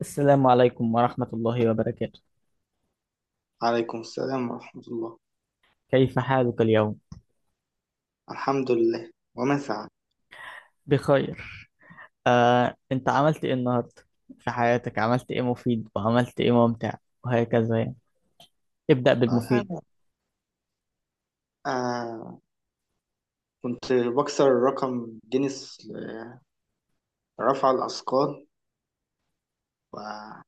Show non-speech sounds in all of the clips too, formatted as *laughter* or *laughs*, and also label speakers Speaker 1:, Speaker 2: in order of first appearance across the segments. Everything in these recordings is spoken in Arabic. Speaker 1: السلام عليكم ورحمة الله وبركاته.
Speaker 2: عليكم السلام ورحمة الله.
Speaker 1: كيف حالك اليوم؟
Speaker 2: الحمد لله ومن سعد.
Speaker 1: بخير. أنت عملت إيه النهاردة في حياتك؟ عملت إيه مفيد وعملت إيه ممتع وهكذا يعني. ابدأ بالمفيد.
Speaker 2: أنا آه كنت بكسر رقم جينيس لرفع الأثقال وبلعب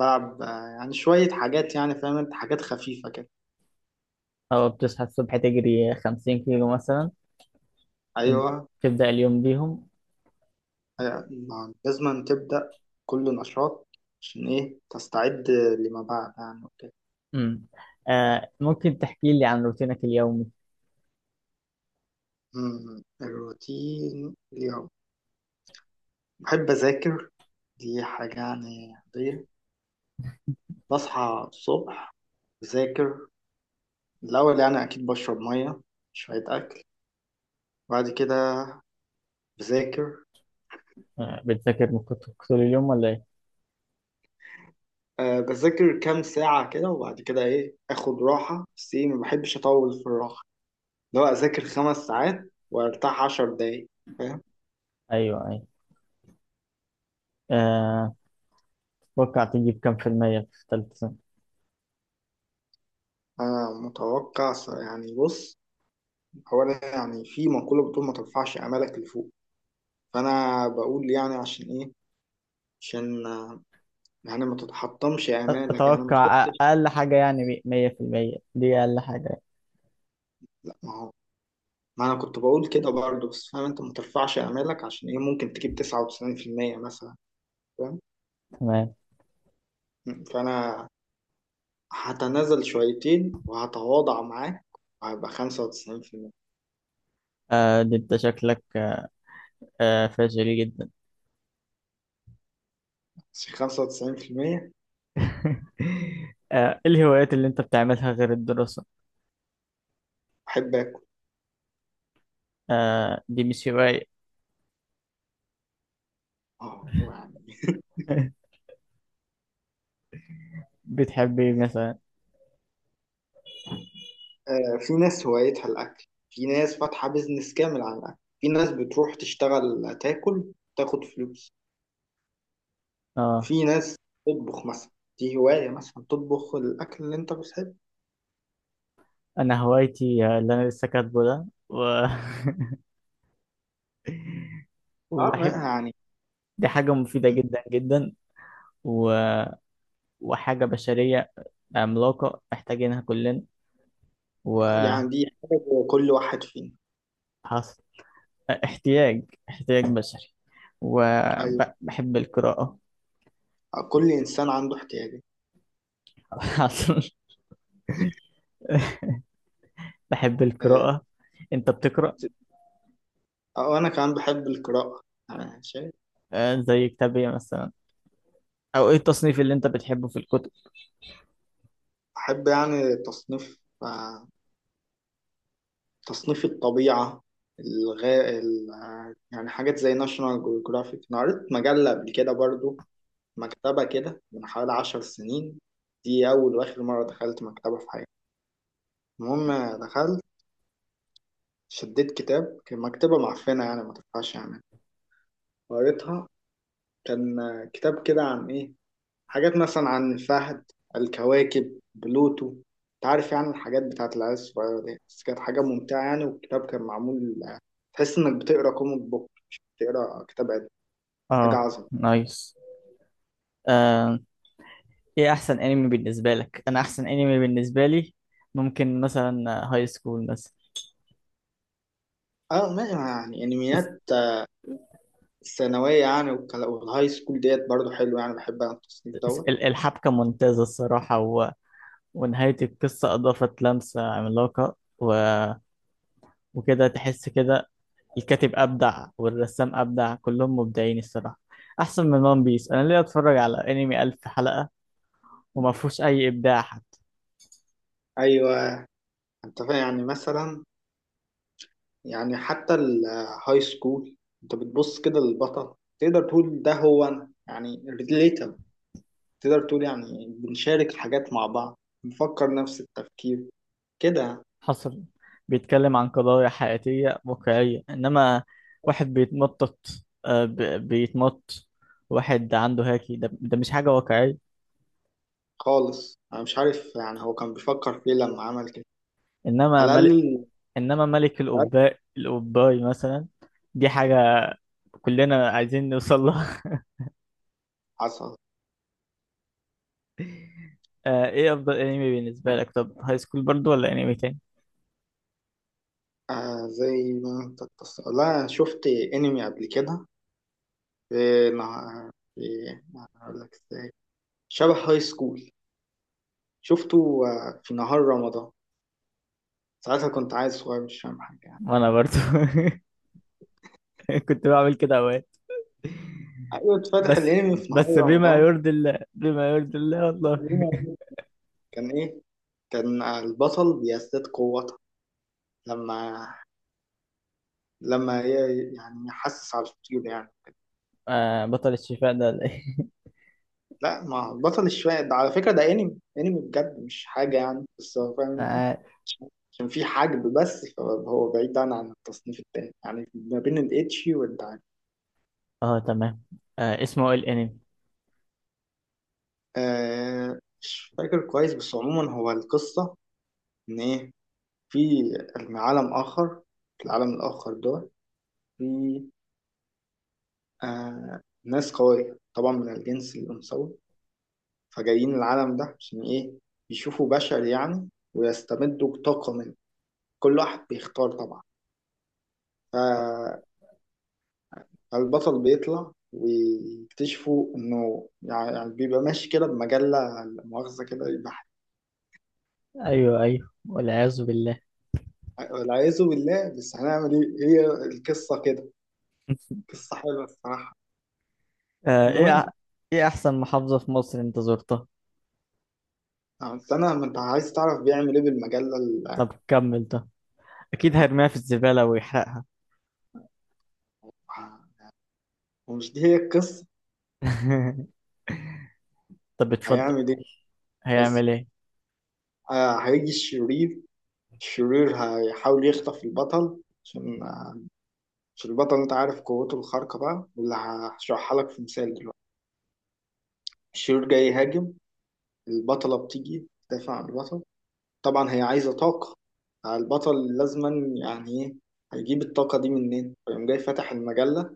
Speaker 2: يعني شوية حاجات، يعني فاهم أنت، حاجات خفيفة كده.
Speaker 1: أو بتصحى الصبح تجري 50 كيلو مثلا، تب-
Speaker 2: أيوه.
Speaker 1: تبدأ اليوم بيهم.
Speaker 2: لازم تبدأ كل نشاط، عشان إيه تستعد لما بعد يعني وكده.
Speaker 1: مم. ممكن تحكي لي عن روتينك اليومي؟
Speaker 2: الروتين اليوم بحب أذاكر، دي حاجة يعني عادية. بصحى الصبح أذاكر، الأول يعني أكيد بشرب مية، شوية أكل، وبعد كده بذاكر.
Speaker 1: بتذاكر من كتب طول اليوم ولا إيه؟
Speaker 2: أه بذاكر كام ساعة كده وبعد كده إيه آخد راحة، بس إيه ما بحبش أطول في الراحة، اللي هو أذاكر 5 ساعات وأرتاح 10 دقايق، فاهم.
Speaker 1: أيوه، أيوه. آه، تتوقع تجيب كام في المية في ثالثة سنة؟
Speaker 2: أنا متوقع يعني بص، هو أنا يعني في مقولة بتقول ما ترفعش آمالك لفوق. فأنا بقول يعني عشان إيه، عشان يعني ما تتحطمش آمالك، يعني ما
Speaker 1: أتوقع
Speaker 2: تحطش.
Speaker 1: أقل حاجة يعني 100%، دي أقل حاجة.
Speaker 2: لا ما هو، ما انا كنت بقول كده برضه، بس فاهم انت ما ترفعش امالك عشان ايه ممكن تجيب 99% مثلا، فاهم.
Speaker 1: تمام.
Speaker 2: فانا هتنازل شويتين وهتواضع معاك وهبقى 95%.
Speaker 1: ده انت شكلك فاشل جدا.
Speaker 2: بس 95%.
Speaker 1: *laughs* إيه الهوايات اللي انت بتعملها غير الدراسة؟
Speaker 2: احب اكل.
Speaker 1: دي مش هواية.
Speaker 2: اه يعني.
Speaker 1: *laughs* بتحب ايه مثلا؟
Speaker 2: في ناس هوايتها الاكل، في ناس فاتحة بيزنس كامل على الاكل، في ناس بتروح تشتغل تاكل تاخد فلوس،
Speaker 1: اه
Speaker 2: في ناس تطبخ مثلا، دي هواية، مثلا تطبخ الأكل اللي أنت بتحبه.
Speaker 1: انا هوايتي، اللي انا لسه كاتبه ده و... *laughs*
Speaker 2: أه ما-
Speaker 1: وبحب.
Speaker 2: يعني،
Speaker 1: دي حاجة مفيدة جدا جدا و... وحاجة بشرية عملاقة محتاجينها كلنا. وحصل
Speaker 2: دي حاجة كل واحد فينا.
Speaker 1: احتياج، احتياج بشري.
Speaker 2: أيوة،
Speaker 1: وبحب القراءة.
Speaker 2: كل إنسان عنده احتياجات.
Speaker 1: *laughs* حصل. بحب
Speaker 2: آه،
Speaker 1: القراءة. انت بتقرأ؟
Speaker 2: وأنا كمان بحب القراءة. أنا شايف
Speaker 1: زي كتاب ايه مثلا؟ او ايه التصنيف اللي انت بتحبه في الكتب؟
Speaker 2: بحب يعني تصنيف، تصنيف الطبيعة، الغا... ال... آه، يعني حاجات زي ناشونال جيوغرافيك. أنا قريت مجلة قبل كده برضو، مكتبة كده من حوالي 10 سنين. دي أول وآخر مرة دخلت مكتبة في حياتي. المهم دخلت شديت كتاب، كان مكتبة معفنة يعني ما تنفعش يعني، قريتها. كان كتاب كده عن إيه، حاجات مثلا عن الفهد، الكواكب، بلوتو، انت عارف يعني الحاجات بتاعت العيال الصغيرة دي، بس كانت حاجة ممتعة يعني، والكتاب كان معمول تحس انك بتقرا كوميك بوك مش بتقرا كتاب علمي. حاجة
Speaker 1: اه
Speaker 2: عظمة.
Speaker 1: نايس. آه، ايه احسن انمي بالنسبة لك؟ انا احسن انمي بالنسبة لي ممكن مثلا هاي سكول مثلا.
Speaker 2: اه ما يعني
Speaker 1: الس-
Speaker 2: انميات الثانوية، يعني والهاي سكول ديت برضو حلو يعني، بحب انا التصنيف دوت.
Speaker 1: الحبكة ممتازة الصراحة ونهاية القصة أضافت لمسة عملاقة وكده تحس كده. الكاتب أبدع والرسام أبدع، كلهم مبدعين الصراحة. أحسن من ون بيس. أنا ليه أتفرج على أنمي ألف حلقة وما فيهوش أي إبداع؟
Speaker 2: ايوه. انت فاهم يعني مثلا، يعني حتى الهاي سكول انت بتبص كده للبطل، تقدر تقول ده هو انا يعني ريليتابل، تقدر تقول يعني بنشارك حاجات مع بعض، بنفكر نفس التفكير كده.
Speaker 1: حصل. بيتكلم عن قضايا حياتية واقعية، إنما واحد بيتمطط، بيتمط، واحد عنده هاكي ده مش حاجة واقعية.
Speaker 2: خالص انا مش عارف يعني هو كان بيفكر في ايه لما عمل كده.
Speaker 1: إنما
Speaker 2: على
Speaker 1: ملك
Speaker 2: الاقل.
Speaker 1: إنما ملك
Speaker 2: على الأقل.
Speaker 1: القباء القباي مثلا، دي حاجة كلنا عايزين نوصل لها.
Speaker 2: حصل.
Speaker 1: *laughs* إيه أفضل أنمي بالنسبة لك؟ طب هاي سكول برضو ولا أنمي تاني؟
Speaker 2: زي ما انت لا، شفت انمي قبل كده، في نهار، في، هقول لك ازاي، شبه هاي سكول. شفته في نهار رمضان، ساعتها كنت عايز صغير مش فاهم حاجه يعني.
Speaker 1: وأنا برضو *laughs* كنت بعمل كده أوقات.
Speaker 2: ايوه اتفتح
Speaker 1: بس
Speaker 2: الانمي في نهار
Speaker 1: بس، بما
Speaker 2: رمضان.
Speaker 1: يرضي الله، بما يرضي الله والله.
Speaker 2: كان ايه؟ كان البطل بيزداد قوة لما يعني يحسس على الطيور يعني.
Speaker 1: بطل الشفاء ده ولا إيه؟
Speaker 2: لا ما هو بطل الشوية ده على فكرة، ده انمي انمي بجد، مش حاجة يعني، بس هو فاهم انت،
Speaker 1: *laughs*
Speaker 2: عشان في حجب. بس فهو بعيد عن التصنيف التاني، يعني ما بين الاتشي والدعاني.
Speaker 1: اه، تمام. اسمه إيه الانمي؟
Speaker 2: آه مش فاكر كويس، بس عموما هو القصة إن إيه، في عالم آخر، في العالم الآخر ده في ناس قوية طبعا من الجنس الأنثوي، فجايين العالم ده عشان إيه، يشوفوا بشر يعني ويستمدوا طاقة منه. كل واحد بيختار طبعا. ف- فالبطل بيطلع ويكتشفوا إنه يعني، بيبقى ماشي كده بمجلة لا مؤاخذة كده، يبقى
Speaker 1: ايوه، ايوه، والعياذ بالله.
Speaker 2: والعياذ بالله. بس هنعمل إيه، هي القصة كده. قصة حلوة الصراحة.
Speaker 1: آه ايه أح-
Speaker 2: المهم
Speaker 1: ايه احسن محافظة في مصر انت زرتها؟
Speaker 2: يعني، بس أنا، ما أنت عايز تعرف بيعمل إيه بالمجلة
Speaker 1: طب كمل ده، اكيد هيرميها في الزبالة ويحرقها.
Speaker 2: ومش دي هي القصة.
Speaker 1: *laughs* طب اتفضل.
Speaker 2: هيعمل إيه؟ بس
Speaker 1: هيعمل ايه؟
Speaker 2: هيجي الشرير. الشرير هيحاول يخطف البطل عشان البطل انت عارف قوته الخارقة بقى، واللي هشرحها لك في مثال دلوقتي. الشرير جاي يهاجم، البطلة بتيجي تدافع عن البطل. طبعا هي عايزة طاقة، البطل لازما يعني ايه، هيجيب الطاقة دي منين؟ فيقوم جاي فاتح المجلة،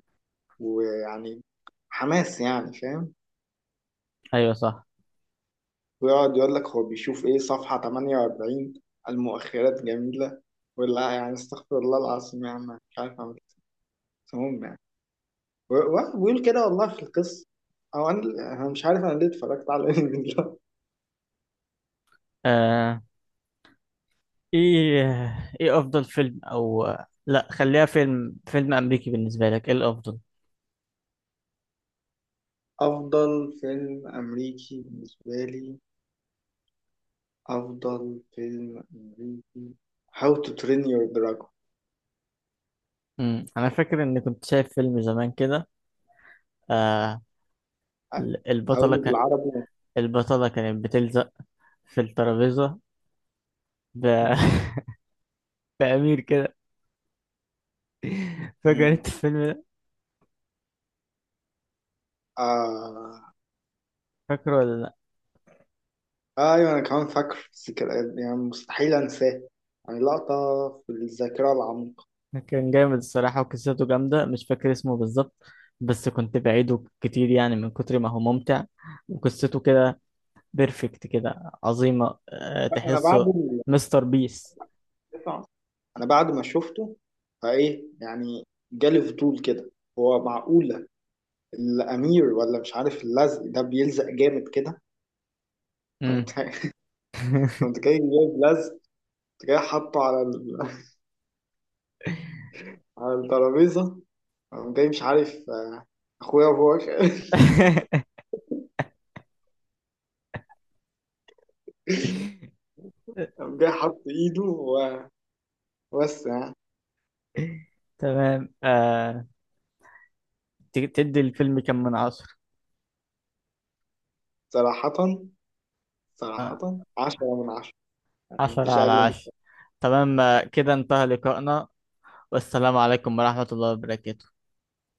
Speaker 2: ويعني حماس يعني فاهم.
Speaker 1: ايوه، صح.
Speaker 2: ويقعد يقول لك هو بيشوف ايه، صفحة 48 المؤخرات جميلة، ولا يعني استغفر الله العظيم يعني. مش عارف اعمل إيه. المهم يعني. واحد بيقول كده والله في القصة. أو أنا، مش عارف أنا ليه اتفرجت على *laughs* الفيلم ده.
Speaker 1: آه ايه افضل فيلم او، لا خليها فيلم امريكي. بالنسبة لك ايه الافضل؟
Speaker 2: أفضل فيلم أمريكي بالنسبة لي، أفضل فيلم أمريكي How to Train Your Dragon.
Speaker 1: انا فاكر اني كنت شايف فيلم زمان كده. آه
Speaker 2: أ-
Speaker 1: البطلة
Speaker 2: أقوله بالعربي.
Speaker 1: البطلة كانت بتلزق في الترابيزة ب... *laughs* بأمير كده، فاكر
Speaker 2: مم.
Speaker 1: انت الفيلم ده؟
Speaker 2: آه
Speaker 1: فاكره ولا لا؟
Speaker 2: أيوة أنا كمان فاكر، بس كده يعني مستحيل أنساه، يعني لقطة في الذاكرة العميقة.
Speaker 1: كان جامد الصراحة وقصته جامدة، مش فاكر اسمه بالظبط بس كنت بعيده كتير يعني من كتر ما هو ممتع. وقصته كده بيرفكت كده عظيمة،
Speaker 2: أنا بعد
Speaker 1: تحسه
Speaker 2: ال-
Speaker 1: مستر بيس.
Speaker 2: أنا بعد ما شفته فإيه يعني جالي فضول كده، هو معقول الامير ولا مش عارف اللزق ده بيلزق جامد كده. قمت
Speaker 1: مم.
Speaker 2: *laughs*
Speaker 1: *laughs*
Speaker 2: قمت جاي جايب لزق، قمت جاي حاطه *laughs* على الترابيزه، قمت جاي مش عارف، اخويا وهو *laughs* قام جاي حاط ايده وبس يعني.
Speaker 1: تمام. تدي الفيلم كم من 10؟
Speaker 2: صراحه
Speaker 1: آه،
Speaker 2: صراحه 10 من 10، يعني
Speaker 1: عشرة
Speaker 2: مفيش
Speaker 1: على
Speaker 2: اقل من
Speaker 1: عشرة تمام. كده انتهى لقائنا، والسلام عليكم ورحمة الله وبركاته.